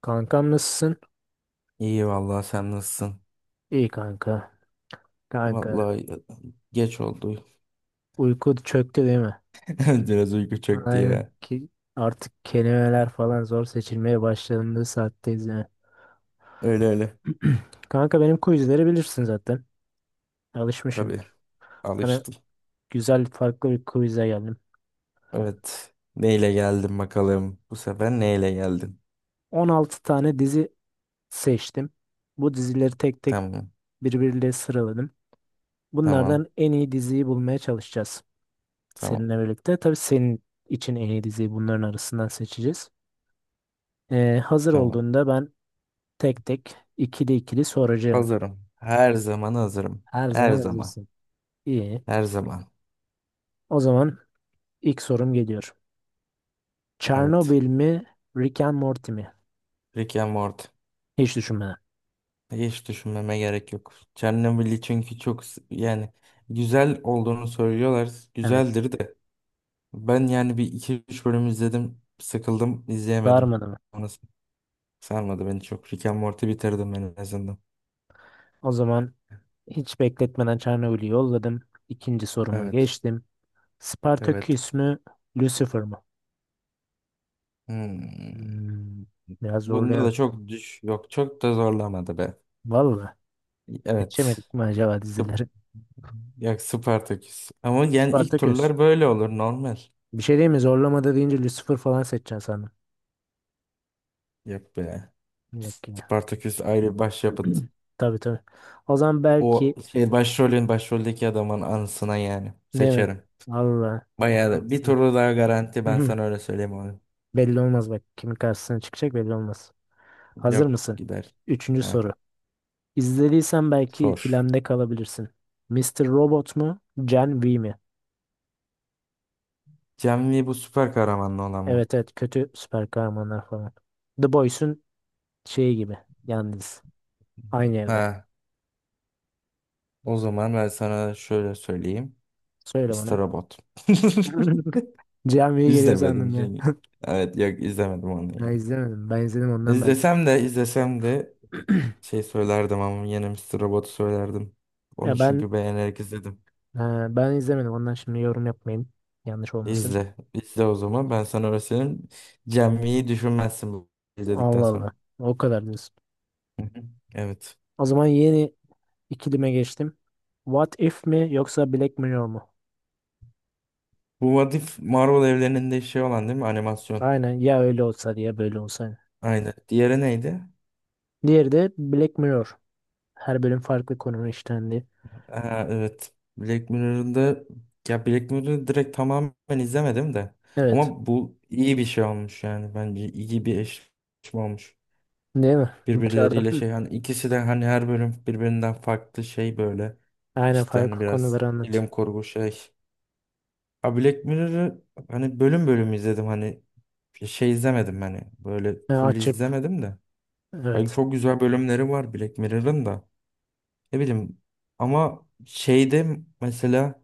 Kankam nasılsın? İyi vallahi sen nasılsın? İyi kanka. Kanka. Vallahi geç oldu. Uyku çöktü değil mi? Biraz uyku çöktü Aynen ya. ki artık kelimeler falan zor seçilmeye başlandığı saatteyiz yani. Öyle öyle. Kanka benim quizleri bilirsin zaten. Tabii Alışmışsındır. Sana alıştım. güzel farklı bir quiz'e geldim. Evet. Neyle geldin bakalım? Bu sefer neyle geldin? 16 tane dizi seçtim. Bu dizileri tek tek Tamam. birbiriyle sıraladım. Tamam. Bunlardan en iyi diziyi bulmaya çalışacağız. Tamam. Seninle birlikte. Tabii senin için en iyi diziyi bunların arasından seçeceğiz. Hazır Tamam. olduğunda ben tek tek ikili ikili soracağım. Hazırım. Her zaman hazırım. Her Her zaman zaman. hazırsın. İyi. Her zaman. O zaman ilk sorum geliyor. Evet. Çernobil mi, Rick and Morty mi? Rick and Morty. Hiç düşünmeden. Hiç düşünmeme gerek yok. Chernobyl'i çünkü çok s- yani güzel olduğunu söylüyorlar. Evet. Güzeldir de. Ben yani bir iki üç bölüm izledim. Sıkıldım, izleyemedim. Darmadı mı? Sonrası sarmadı beni çok. Rick and Morty bitirdim ben en azından. O zaman hiç bekletmeden Çernobil'i yolladım. İkinci soruma Evet, geçtim. evet. Spartaküs mü, Lucifer mı? Hmm. Hmm, biraz Bunda da zorlayan. çok düş yok çok da zorlamadı be. Vallahi Evet. seçemedik mi acaba Sp- dizileri? Ya Spartaküs. Ama yani ilk Spartaküs. turlar böyle olur normal. Bir şey değil mi? Zorlamada deyince Lucifer falan seçeceksin sandım. Yok be. Yok yine. Spartaküs ayrı başyapıt. Tabii tabii. O zaman belki. O şey başrolün başroldeki adamın anısına yani. Değil mi? Seçerim. Valla. Bayağı Helal da bir olsun. turu daha garanti Hı ben hı. sana öyle söyleyeyim abi. Belli olmaz bak. Kimin karşısına çıkacak belli olmaz. Hazır Yok mısın? gider. Üçüncü Heh, soru. İzlediysen belki sor. ikilemde kalabilirsin. Mister Robot mu? Gen V mi? Cem Lee bu süper kahramanlı olan mı? Evet evet kötü süper kahramanlar falan. The Boys'un şeyi gibi. Yalnız. Aynı evre. Ha, o zaman ben sana şöyle söyleyeyim. Söyle Mister bana. Robot. Gen V geliyor İzlemedim sandım ya. çünkü. Evet yok izlemedim onu ya. Ben izlemedim. Ben izledim ondan belki. İzlesem de izlesem de şey söylerdim ama yine Mister Robot'u söylerdim. Onu Ya ben çünkü beğenerek izledim. e, ben izlemedim. Ondan şimdi yorum yapmayayım. Yanlış olmasın. İzle. İzle o zaman. Ben sana öyle söyleyeyim. Düşünmezsin bu izledikten Allah sonra. Allah. O kadar diyorsun. Evet. O zaman yeni ikilime geçtim. What If mi yoksa Black Mirror mu? Bu What If Marvel evreninde şey olan değil mi? Animasyon. Aynen ya öyle olsa ya böyle olsa. Aynen. Diğeri neydi? Diğeri de Black Mirror. Her bölüm farklı konunun işlendiği. Aa, evet. Black Mirror'da ya Black Mirror'ı direkt tamamen izlemedim de. Evet. Ama bu iyi bir şey olmuş yani. Bence iyi bir eşleşme olmuş. Değil mi? Başardım. Birbirleriyle Hı. şey hani ikisi de hani her bölüm birbirinden farklı şey böyle. Aynen İşte farklı hani biraz konuları anlatıyor. bilim kurgu şey. Ha Black Mirror'ı hani bölüm bölüm izledim hani şey izlemedim hani böyle full Açıp izlemedim de. Hani evet. çok güzel bölümleri var Black Mirror'ın da. Ne bileyim ama şeyde mesela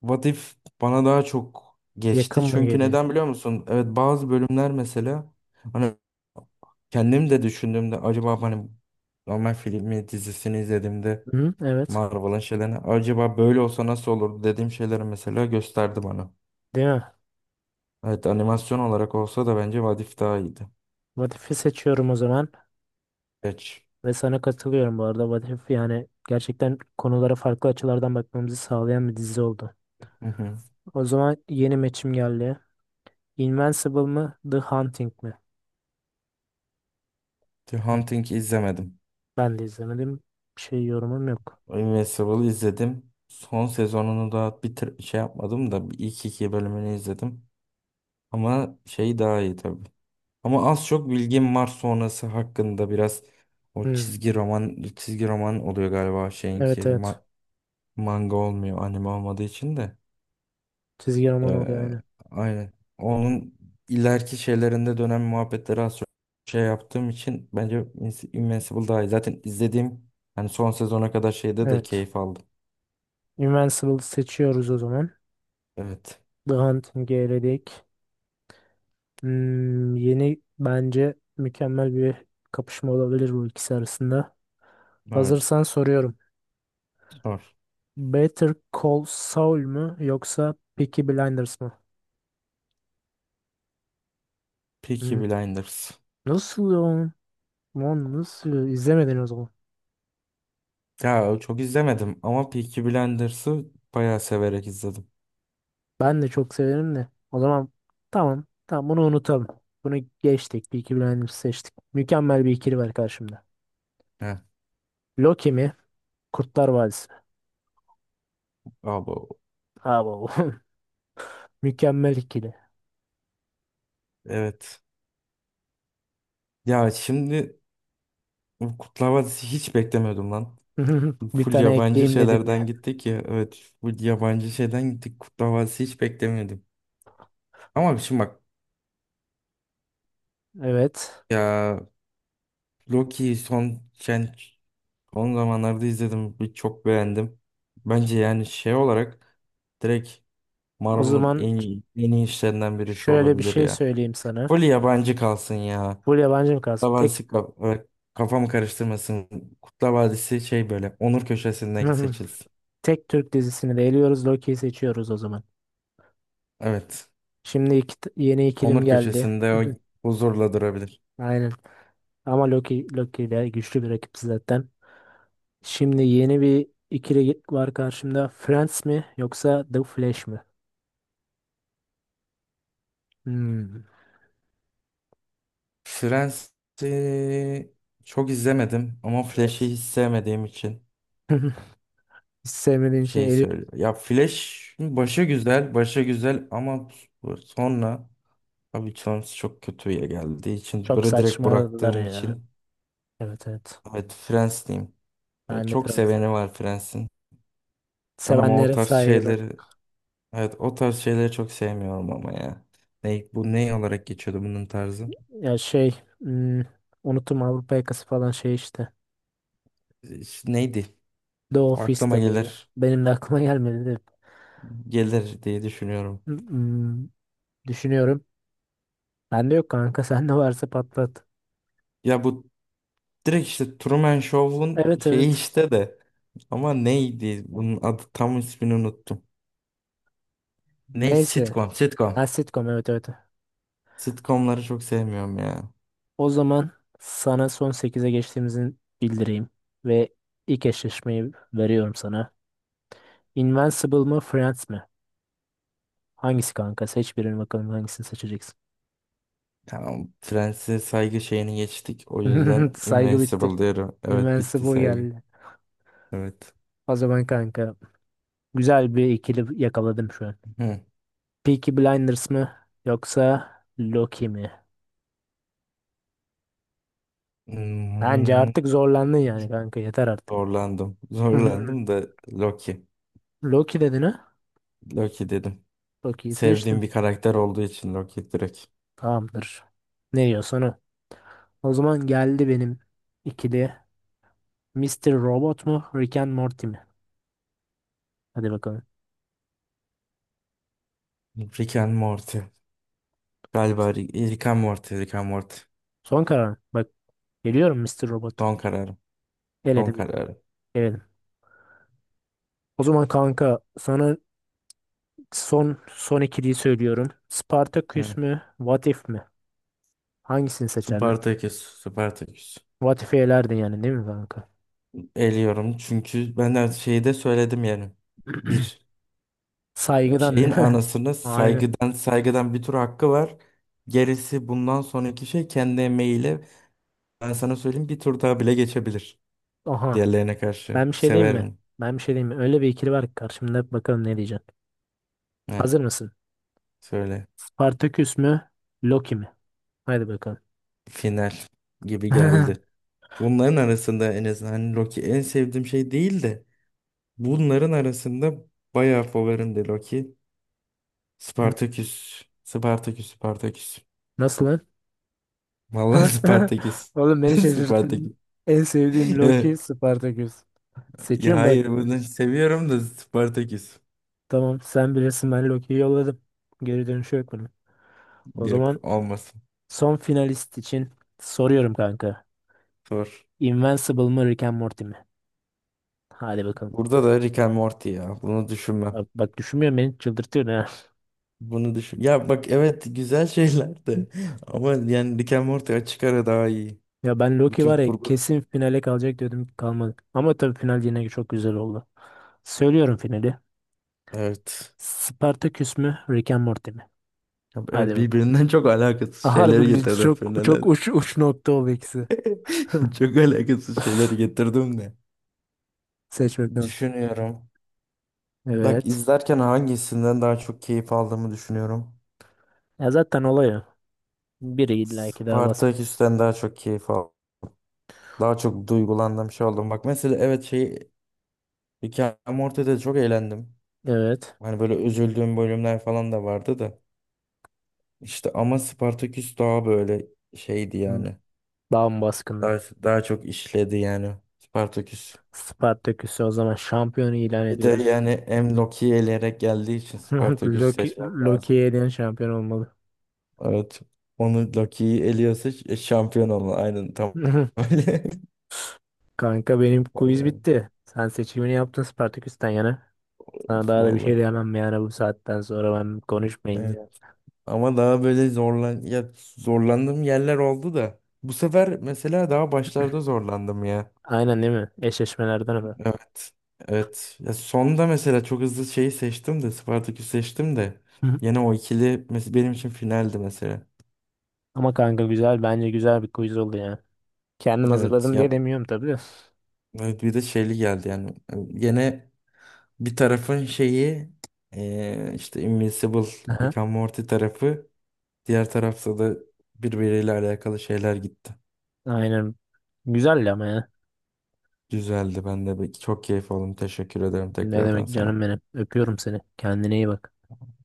What If bana daha çok geçti. Yakın mı Çünkü geliyor? neden biliyor musun? Evet bazı bölümler mesela hani kendim de düşündüğümde acaba hani normal filmi dizisini izlediğimde Hı, evet. Marvel'ın şeylerini acaba böyle olsa nasıl olurdu dediğim şeyleri mesela gösterdi bana. Değil mi? Evet animasyon olarak olsa da bence What If daha iyiydi. What If'i seçiyorum o zaman. Geç. Ve sana katılıyorum bu arada. What If yani gerçekten konulara farklı açılardan bakmamızı sağlayan bir dizi oldu. Hı hı. O zaman yeni maçım geldi. Invincible mı? The Hunting mi? The Hı, Hunting izlemedim. ben de izlemedim. Bir şey yorumum yok. Invincible'ı izledim. Son sezonunu da bir şey yapmadım da bir ilk iki bölümünü izledim. Ama şey daha iyi tabii. Ama az çok bilgim var sonrası hakkında biraz o Hı, çizgi roman çizgi roman oluyor galiba şeyinki evet ma- evet. manga olmuyor anime olmadığı için de. Çizgi roman oluyor Ee, yani. aynen. Onun ileriki şeylerinde dönem muhabbetleri az çok şey yaptığım için bence Invincible daha iyi. Zaten izlediğim hani son sezona kadar şeyde de Evet. keyif aldım. Invincible seçiyoruz o zaman. Evet. The Hunting'i eledik. Yeni bence mükemmel bir kapışma olabilir bu ikisi arasında. Evet. Hazırsan soruyorum. Sor. Better Call Saul mu yoksa Peaky Blinders mı? Peaky Hmm, Blinders. Nasıl ya? Lan nasıl? İzlemedin o zaman. Ya çok izlemedim ama Peaky Blinders'ı bayağı severek izledim. Ben de çok severim de. O zaman tamam. Tamam bunu unutalım. Bunu geçtik. Bir iki bilenimizi seçtik. Mükemmel bir ikili var karşımda. Heh. Loki mi? Kurtlar Vadisi. Abi Abo. Mükemmel ikili. evet. Ya şimdi bu kutlama dizisi hiç beklemiyordum lan. Bir Full tane yabancı ekleyeyim dedim şeylerden ya. gittik ya. Evet full yabancı şeyden gittik. Kutlama dizisi hiç beklemiyordum. Ama şimdi bak Evet. ya Loki'yi son son zamanlarda izledim. Bir çok beğendim. Bence yani şey olarak direkt O Marvel'ın zaman en iyi, en iyi işlerinden birisi şöyle bir olabilir şey ya. söyleyeyim sana. Full yabancı kalsın ya. Full yabancı mı kalsın? Kurtlar Tek. Vadisi böyle kafamı karıştırmasın. Kurtlar Vadisi şey böyle onur köşesinde seçilsin. Tek Türk dizisini de eliyoruz. Loki'yi seçiyoruz o zaman. Evet. Şimdi yeni ikilim Onur geldi. köşesinde o huzurla durabilir. Aynen. Ama Loki de güçlü bir rakip zaten. Şimdi yeni bir ikili var karşımda. Friends mi yoksa The Flash mi? Hmm, Friends'i çok izlemedim ama evet. Flash'i hiç sevmediğim için Hiç sevmediğin için şeyi eli söylüyorum. Ya Flash başı güzel, başı güzel ama sonra abi sonrası çok kötüye geldiği için çok böyle direkt saçmaladılar bıraktığım ya. için Evet evet. evet Friends diyeyim. Böyle Ben de çok Friends'i. seveni var Friends'in. Ben ama o Sevenlere tarz saygı. şeyleri evet o tarz şeyleri çok sevmiyorum ama ya. Ne, bu ne olarak geçiyordu bunun tarzı? Ya şey hmm, unuttum Avrupa Yakası falan şey işte. İşte neydi? The Office Aklıma de bu ya. gelir. Benim de aklıma gelmedi de. Gelir diye düşünüyorum. Hmm, düşünüyorum. Bende yok kanka. Sende varsa patlat. Ya bu direkt işte Truman Show'un Evet şeyi evet. işte de. Ama neydi? Bunun adı tam ismini unuttum. Ne? Neyse. Sitcom. Sitcom. Ha, sitcom evet evet. Sitcomları çok sevmiyorum ya. O zaman sana son sekize geçtiğimizi bildireyim ve ilk eşleşmeyi veriyorum sana. Invincible mı Friends mi? Hangisi kanka? Seç birini bakalım hangisini seçeceksin. Tamam. Friends'e saygı şeyini geçtik. O yüzden Saygı bitti. Invincible diyorum. Evet bitti Invincible saygı. geldi. Evet. O zaman kanka güzel bir ikili yakaladım şu an. Hı. Peaky Blinders mı yoksa Loki mi? Bence Hmm. artık zorlandın yani kanka yeter artık. Zorlandım. Zorlandım da Loki. Loki dedin ha? Loki dedim. Loki'yi seçtim. Sevdiğim bir karakter olduğu için Loki direkt. Tamamdır. Ne diyorsan o. O zaman geldi benim ikili. Mister Robot mu? Rick and Morty mi? Hadi bakalım. Rick and Morty. Galiba Rick and Morty. Rick and Morty. Son karar mı? Bak geliyorum Mister Robot. Son kararım. Son Eledim. Kararım. Eledim. O zaman kanka sana son son ikiliyi söylüyorum. Spartacus Evet. mu? What If mi? Hangisini seçerdin? Spartaküs. Spartaküs. What If'i elerdin yani değil mi kanka? Eliyorum çünkü ben de şeyi de söyledim yani. Bir Saygıdan şeyin ne? anasını Aynen. saygıdan saygıdan bir tur hakkı var. Gerisi bundan sonraki şey kendi emeğiyle ben sana söyleyeyim bir tur daha bile geçebilir. Aha. Diğerlerine karşı. Ben bir şey diyeyim mi? Severim. Ben bir şey diyeyim mi? Öyle bir ikili var ki karşımda bakalım ne diyeceksin. Heh. Hazır mısın? Söyle. Spartaküs mü? Loki mi? Haydi bakalım. Final gibi geldi. Bunların arasında en azından hani Loki en sevdiğim şey değil de bunların arasında bayağı favorimdi Loki. Spartaküs. Spartaküs, Spartaküs. Nasıl lan? Vallahi Spartaküs. Oğlum beni Spartaküs. şaşırttın. En sevdiğim Loki Spartaküs. Ya Seçiyorum bak. hayır bunu seviyorum da Spartaküs. Tamam sen bilirsin ben Loki'yi yolladım. Geri dönüşü yok bunun. O Yok zaman olmasın. son finalist için soruyorum kanka. Sor. Invincible mı Rick and Morty mi? Hadi bakalım. Burada da Rick and Morty ya. Bunu düşünmem. Bak, bak düşünmüyorum beni çıldırtıyor ya. Bunu düşün. Ya bak evet güzel şeyler de ama yani Rick and Morty açık ara daha iyi. Ya ben Loki Bütün var ya kurgu kesin finale kalacak diyordum kalmadı. Ama tabii final yine çok güzel oldu. Söylüyorum finali. evet. Spartaküs mü? Rick and Morty mi? Ya Hadi evet bakalım. birbirinden çok alakasız şeyleri Harbi getirdim çok finale. çok uç uç nokta oldu ikisi. Çok alakasız şeyleri getirdim de. Seç bakalım. Düşünüyorum. Bak Evet. izlerken hangisinden daha çok keyif aldığımı düşünüyorum. Ya zaten olay o. Biri illa ki daha baskın. Spartaküs'ten daha çok keyif aldım. Daha çok duygulandım şey oldum. Bak mesela evet şey Rick and Morty'de çok eğlendim. Evet. Hani böyle üzüldüğüm bölümler falan da vardı da. İşte ama Spartaküs daha böyle şeydi yani. Daha mı Daha, baskındı? daha çok işledi yani. Spartaküs. Spartaküs'ü o zaman şampiyonu ilan Bir de ediyoruz. yani hem Loki'yi eleyerek geldiği için Spartaküs Loki, seçmem lazım. Loki'ye eden şampiyon olmalı. Evet. Onu Loki'yi eliyorsa şampiyon olma. Aynen tam öyle. Kanka benim quiz Vallahi. bitti. Sen seçimini yaptın Spartaküs'ten yana. Sana Of, daha da bir şey vallahi. diyemem yani bu saatten sonra ben konuşmayayım Evet. ya. Ama daha böyle zorlan ya zorlandığım yerler oldu da. Bu sefer mesela daha başlarda zorlandım ya. Aynen değil mi? Eşleşmelerden mi? Evet. Evet. Ya sonda mesela çok hızlı şeyi seçtim de Spartaküs seçtim de. Hı hı. Yine o ikili benim için finaldi mesela. Ama kanka güzel bence güzel bir quiz oldu ya. Kendim Evet hazırladım diye ya demiyorum tabii de. evet, bir de şeyli geldi yani. Yine bir tarafın şeyi işte Invincible, Aha. Rick and Morty tarafı. Diğer tarafta da birbiriyle alakalı şeyler gitti. Aynen. Güzel ama ya. Güzeldi. Ben de çok keyif aldım. Teşekkür ederim Ne tekrardan demek sana. canım benim. Öpüyorum seni. Kendine iyi bak.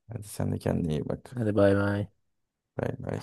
Hadi sen de kendine iyi bak. Hadi bay bay. Bay bay.